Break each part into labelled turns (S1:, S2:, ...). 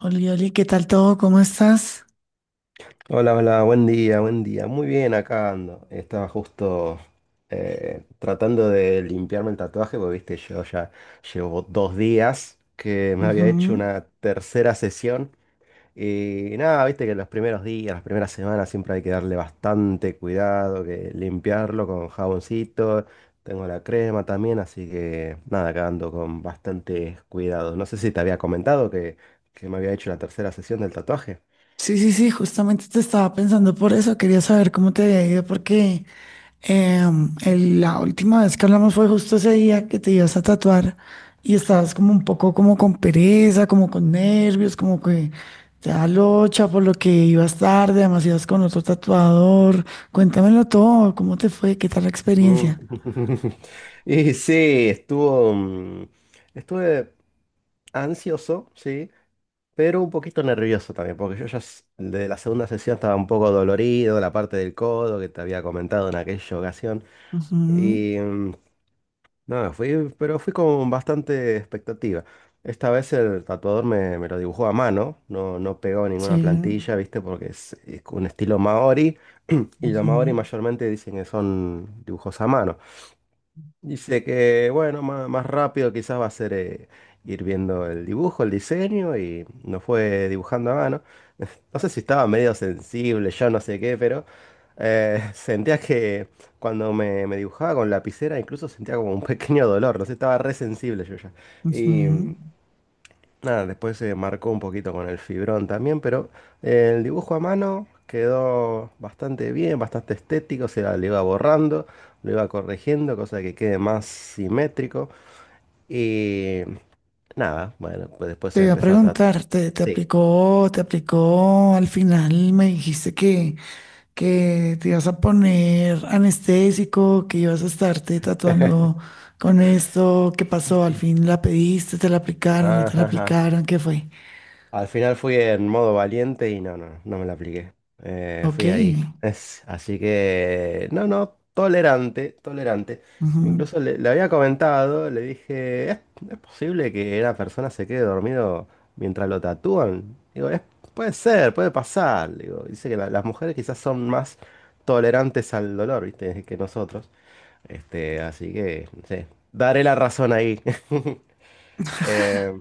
S1: Oli, Oli, ¿qué tal todo? ¿Cómo estás?
S2: Hola, hola, buen día, buen día. Muy bien, acá ando. Estaba justo tratando de limpiarme el tatuaje, porque viste, yo ya llevo 2 días que me había hecho
S1: Ujú.
S2: una tercera sesión. Y nada, viste que los primeros días, las primeras semanas siempre hay que darle bastante cuidado, que limpiarlo con jaboncito. Tengo la crema también, así que nada, acá ando con bastante cuidado. No sé si te había comentado que me había hecho la tercera sesión del tatuaje.
S1: Sí, sí, sí, justamente te estaba pensando por eso. Quería saber cómo te había ido porque la última vez que hablamos fue justo ese día que te ibas a tatuar y estabas como un poco como con pereza, como con nervios, como que te da locha por lo que ibas tarde, además ibas con otro tatuador. Cuéntamelo todo, ¿cómo te fue? ¿Qué tal la
S2: Mm.
S1: experiencia?
S2: Y sí, estuve ansioso, sí, pero un poquito nervioso también, porque yo ya de la segunda sesión estaba un poco dolorido, la parte del codo que te había comentado en aquella ocasión.
S1: Ujú.
S2: Y nada, fui, pero fui con bastante expectativa. Esta vez el tatuador me lo dibujó a mano, no, no pegó ninguna
S1: Sí.
S2: plantilla, ¿viste? Porque es un estilo maori, y los maori
S1: Ujú,
S2: mayormente dicen que son dibujos a mano. Dice que, bueno, más, rápido quizás va a ser, ir viendo el dibujo, el diseño y nos fue dibujando a mano. No sé si estaba medio sensible, yo no sé qué, pero sentía que cuando me dibujaba con lapicera incluso sentía como un pequeño dolor, no sé, estaba re sensible yo ya. Y
S1: ujú.
S2: nada, después se marcó un poquito con el fibrón también, pero el dibujo a mano quedó bastante bien, bastante estético, o sea, lo iba borrando, lo iba corrigiendo, cosa que quede más simétrico. Y nada, bueno, pues después
S1: Te
S2: se
S1: voy a
S2: empezó a tratar.
S1: preguntar, te
S2: Sí.
S1: aplicó, te aplicó, al final me dijiste que te ibas a poner anestésico, que ibas a estarte tatuando con esto, ¿qué pasó? Al fin la pediste, te la aplicaron, no te la
S2: Ajá, ajá.
S1: aplicaron, ¿qué fue?
S2: Al final fui en modo valiente y no, no, no me la apliqué.
S1: Ok,
S2: Fui ahí. Así que, no, no, tolerante, tolerante.
S1: ujú,
S2: Incluso le había comentado, le dije, ¿es posible que una persona se quede dormido mientras lo tatúan? Digo, puede ser, puede pasar. Le Digo, dice que las mujeres quizás son más tolerantes al dolor, ¿viste? Que nosotros. Así que, no sé, daré la razón ahí. Eh,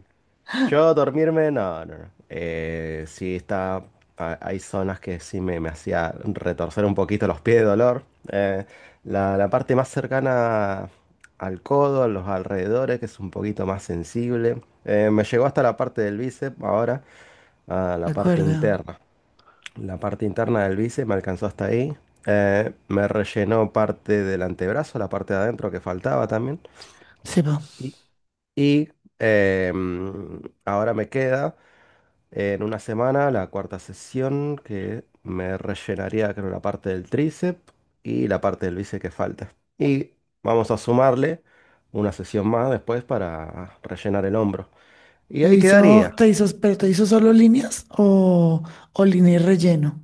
S2: yo dormirme, no, no, no. Sí está, hay zonas que sí me hacía retorcer un poquito los pies de dolor. Eh, la parte más cercana al codo, a los alrededores, que es un poquito más sensible. Me llegó hasta la parte del bíceps, ahora a
S1: de
S2: la parte
S1: acuerdo,
S2: interna. La parte interna del bíceps me alcanzó hasta ahí. Me rellenó parte del antebrazo, la parte de adentro que faltaba también.
S1: se va.
S2: Y, y, Ahora me queda. En una semana, la cuarta sesión, que me rellenaría creo la parte del tríceps y la parte del bíceps que falta. Y vamos a sumarle una sesión más después para rellenar el hombro. Y ahí quedaría.
S1: Te hizo, pero te hizo solo líneas o línea y relleno?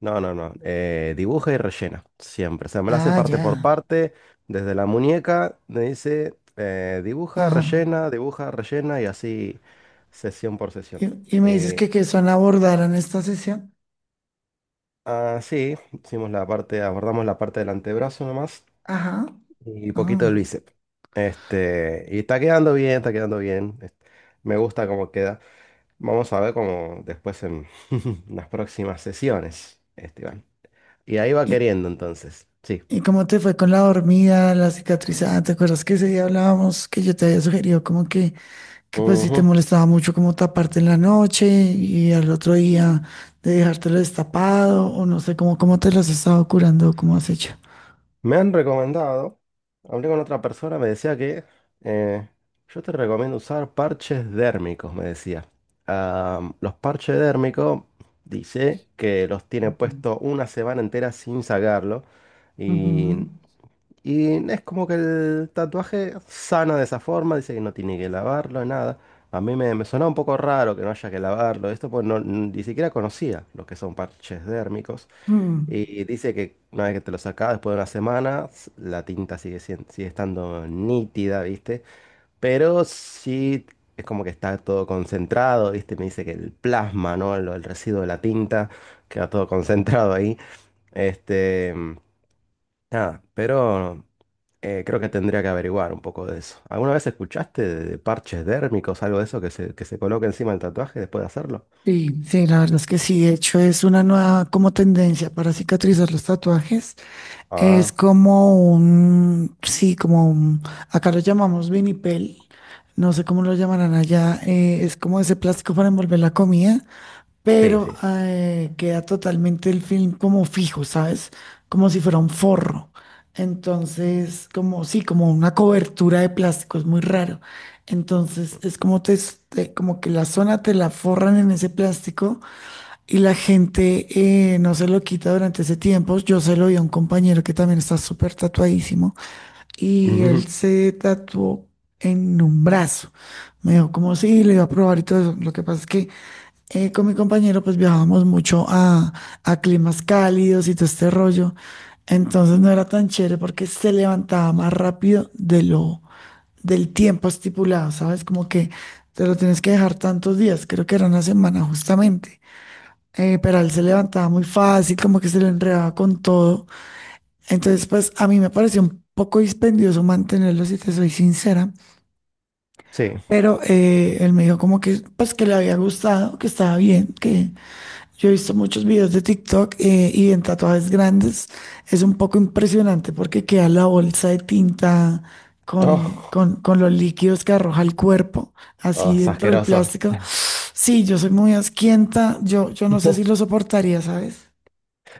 S2: No, no, no. Dibuja y rellena. Siempre. O sea, me la hace
S1: Ah,
S2: parte por
S1: ya,
S2: parte. Desde la muñeca me dice,
S1: ajá.
S2: dibuja, rellena y así sesión por sesión.
S1: Y me dices
S2: Y
S1: que son abordaron esta sesión,
S2: así hicimos la parte, abordamos la parte del antebrazo nomás.
S1: ajá.
S2: Y poquito de
S1: Ah,
S2: bíceps. Y está quedando bien, está quedando bien. Me gusta cómo queda. Vamos a ver cómo después en las próximas sesiones, Esteban. Y ahí va
S1: ¿y,
S2: queriendo entonces. Sí.
S1: y cómo te fue con la dormida, la cicatrizada? ¿Te acuerdas que ese día hablábamos que yo te había sugerido como que pues si te
S2: Ujú.
S1: molestaba mucho como taparte en la noche y al otro día de dejártelo destapado o no sé cómo, cómo te lo has estado curando, cómo has hecho?
S2: Me han recomendado, hablé con otra persona, me decía que, eh, yo te recomiendo usar parches dérmicos, me decía. Ah, los parches dérmicos, dice que los tiene
S1: Ujú.
S2: puesto una semana entera sin sacarlo.
S1: Ujú.
S2: Y Y es como que el tatuaje sana de esa forma, dice que no tiene que lavarlo, nada. A mí me sonaba un poco raro que no haya que lavarlo, esto pues no, ni siquiera conocía lo que son parches dérmicos.
S1: Mm.
S2: Y dice que una vez que te lo sacas, después de una semana, la tinta sigue, sigue estando nítida, ¿viste? Pero sí es como que está todo concentrado, ¿viste? Me dice que el plasma, ¿no? El residuo de la tinta queda todo concentrado ahí. Este, Nada, pero. Creo que tendría que averiguar un poco de eso. ¿Alguna vez escuchaste de, parches dérmicos, algo de eso que se coloca encima del tatuaje después de hacerlo?
S1: Sí, sí, la verdad es que sí. De hecho, es una nueva como tendencia para cicatrizar los tatuajes. Es
S2: Ah,
S1: como un, sí, como un- acá lo llamamos vinipel. No sé cómo lo llamarán allá. Es como ese plástico para envolver la comida,
S2: sí,
S1: pero
S2: sí.
S1: queda totalmente el film como fijo, ¿sabes? Como si fuera un forro. Entonces, como sí, como una cobertura de plástico, es muy raro. Entonces, es como te, s- te- como que la zona te la forran en ese plástico y la gente no se lo quita durante ese tiempo. Yo se lo vi a un compañero que también está súper tatuadísimo y él
S2: Ujú.
S1: se tatuó en un brazo. Me dijo, como sí, le iba a probar y todo eso. Lo que pasa es que con mi compañero pues viajábamos a climas cálidos y todo este rollo. Entonces no era tan chévere porque se levantaba más rápido del tiempo estipulado, ¿sabes? Como que te lo tienes que dejar tantos días, creo que era una semana justamente. Pero él se levantaba muy fácil, como que se lo enredaba con todo. Entonces, pues a mí me pareció un poco dispendioso mantenerlo, si te soy sincera.
S2: Sí.
S1: Pero él me dijo como que, pues que le había gustado, que estaba bien, que, yo he visto muchos videos de TikTok, y en tatuajes grandes es un poco impresionante porque queda la bolsa de tinta
S2: Oh,
S1: con los líquidos que arroja el cuerpo,
S2: oh,
S1: así
S2: es
S1: dentro del
S2: asqueroso.
S1: plástico. Sí, yo soy muy asquienta, yo no sé si lo soportaría, ¿sabes?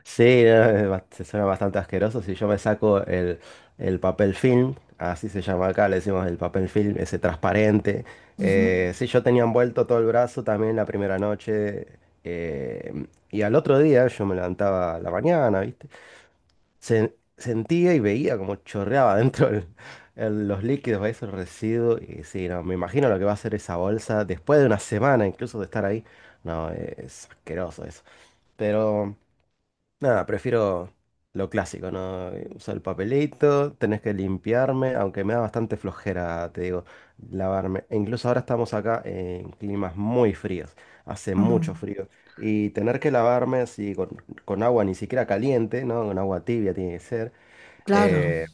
S2: Sí, es suena bastante asqueroso. Si yo me saco el papel film, así se llama acá, le decimos el papel film, ese transparente.
S1: Ujú,
S2: Sí, yo tenía envuelto todo el brazo también la primera noche. Y al otro día yo me levantaba a la mañana, ¿viste? Sentía y veía como chorreaba dentro los líquidos, ahí esos residuos. Y sí, no, me imagino lo que va a hacer esa bolsa después de una semana incluso de estar ahí. No, es asqueroso eso. Pero nada, prefiero lo clásico, ¿no? Usar el papelito, tenés que limpiarme, aunque me da bastante flojera, te digo, lavarme. E incluso ahora estamos acá en climas muy fríos, hace
S1: ujú.
S2: mucho frío. Y tener que lavarme así con agua ni siquiera caliente, ¿no? Con agua tibia tiene que ser.
S1: Claro.
S2: Eh,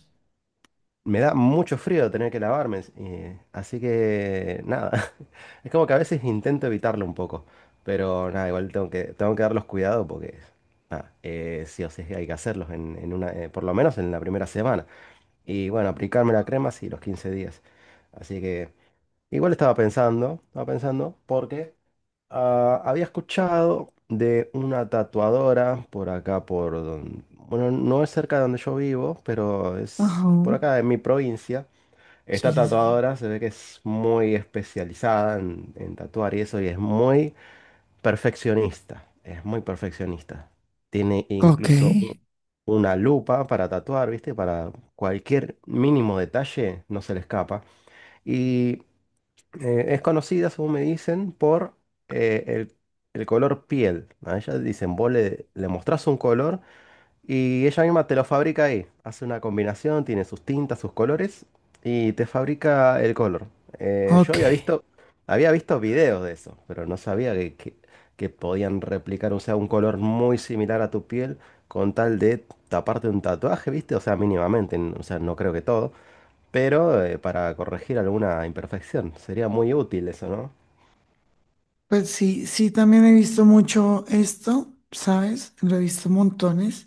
S2: Me da mucho frío tener que lavarme, así que nada, es como que a veces intento evitarlo un poco, pero nada, igual tengo que, darlos cuidado porque nada, sí o sí hay que hacerlos por lo menos en la primera semana. Y bueno, aplicarme la crema sí, los 15 días. Así que igual estaba pensando, porque ah, había escuchado de una tatuadora por acá, por donde, bueno, no es cerca de donde yo vivo, pero es
S1: Ajá.
S2: por acá en mi provincia.
S1: Sí,
S2: Esta
S1: sí, sí.
S2: tatuadora se ve que es muy especializada en, tatuar y eso, y es muy perfeccionista, es muy perfeccionista. Tiene
S1: Ok,
S2: incluso una lupa para tatuar, ¿viste? Para cualquier mínimo detalle no se le escapa. Es conocida, según me dicen, por, eh, el, el, color piel. A ella dicen, vos le mostrás un color y ella misma te lo fabrica ahí. Hace una combinación, tiene sus tintas, sus colores y te fabrica el color. Yo
S1: ok.
S2: había visto videos de eso, pero no sabía que, que podían replicar, o sea, un color muy similar a tu piel con tal de taparte un tatuaje, ¿viste? O sea, mínimamente, o sea, no creo que todo, pero para corregir alguna imperfección. Sería muy útil eso, ¿no?
S1: Pues sí, sí, también he visto mucho esto, ¿sabes? Lo he visto montones.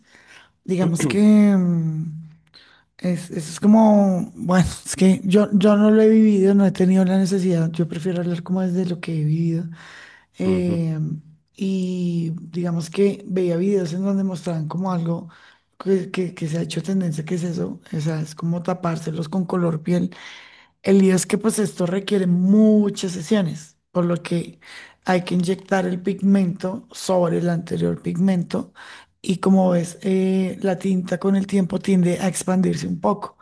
S1: Digamos que... mm, es como, bueno, es que yo no lo he vivido, no he tenido la necesidad. Yo prefiero hablar como desde lo que he vivido.
S2: Ujú.
S1: Eh, y digamos que veía videos en donde mostraban como algo que se ha hecho tendencia, que es eso, o sea, es como tapárselos con color piel. El lío es que pues esto requiere muchas sesiones, por lo que hay que inyectar el pigmento sobre el anterior pigmento y como ves, la tinta con el tiempo tiende a expandirse un poco.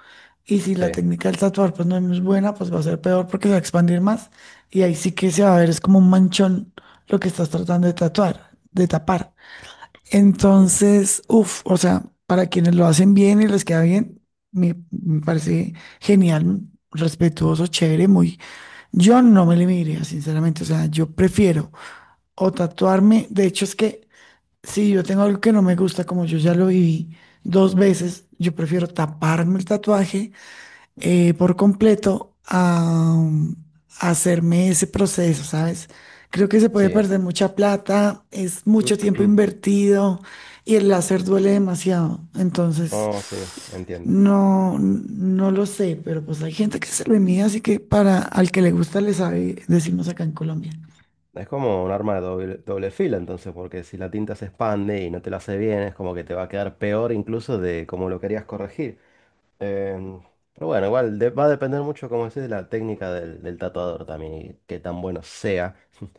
S1: Y si la
S2: Sí,
S1: técnica del tatuar pues no es buena, pues va a ser peor porque se va a expandir más y ahí sí que se va a ver, es como un manchón lo que estás tratando de tatuar, de tapar.
S2: mm,
S1: Entonces, uff, o sea, para quienes lo hacen bien y les queda bien, me parece genial, respetuoso, chévere, muy. Yo no me limitaría, sinceramente, o sea, yo prefiero o tatuarme, de hecho es que si yo tengo algo que no me gusta, como yo ya lo viví dos veces, yo prefiero taparme el tatuaje por completo a, um, a hacerme ese proceso, ¿sabes? Creo que se puede
S2: sí. Sí.
S1: perder mucha plata, es mucho tiempo invertido y el láser duele demasiado. Entonces,
S2: Oh, sí, entiendo.
S1: no, no lo sé, pero pues hay gente que se lo envía, así que para al que le gusta le sabe, decimos acá en Colombia.
S2: Es como un arma de doble filo, entonces, porque si la tinta se expande y no te la hace bien, es como que te va a quedar peor incluso de como lo querías corregir. Em, pero bueno, igual va a depender mucho, como decís, de la técnica del tatuador también y qué tan bueno sea.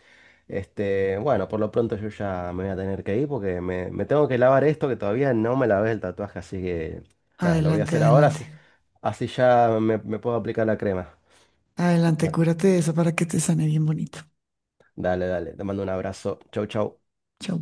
S2: Bueno, por lo pronto yo ya me voy a tener que ir porque me tengo que lavar esto que todavía no me lavé el tatuaje, así que nada, lo voy a
S1: Adelante,
S2: hacer ahora,
S1: adelante.
S2: así ya me puedo aplicar la crema.
S1: Adelante,
S2: Da-
S1: cúrate de eso para que te sane bien bonito.
S2: Dale, dale, te mando un abrazo. Chau, chau.
S1: Chao.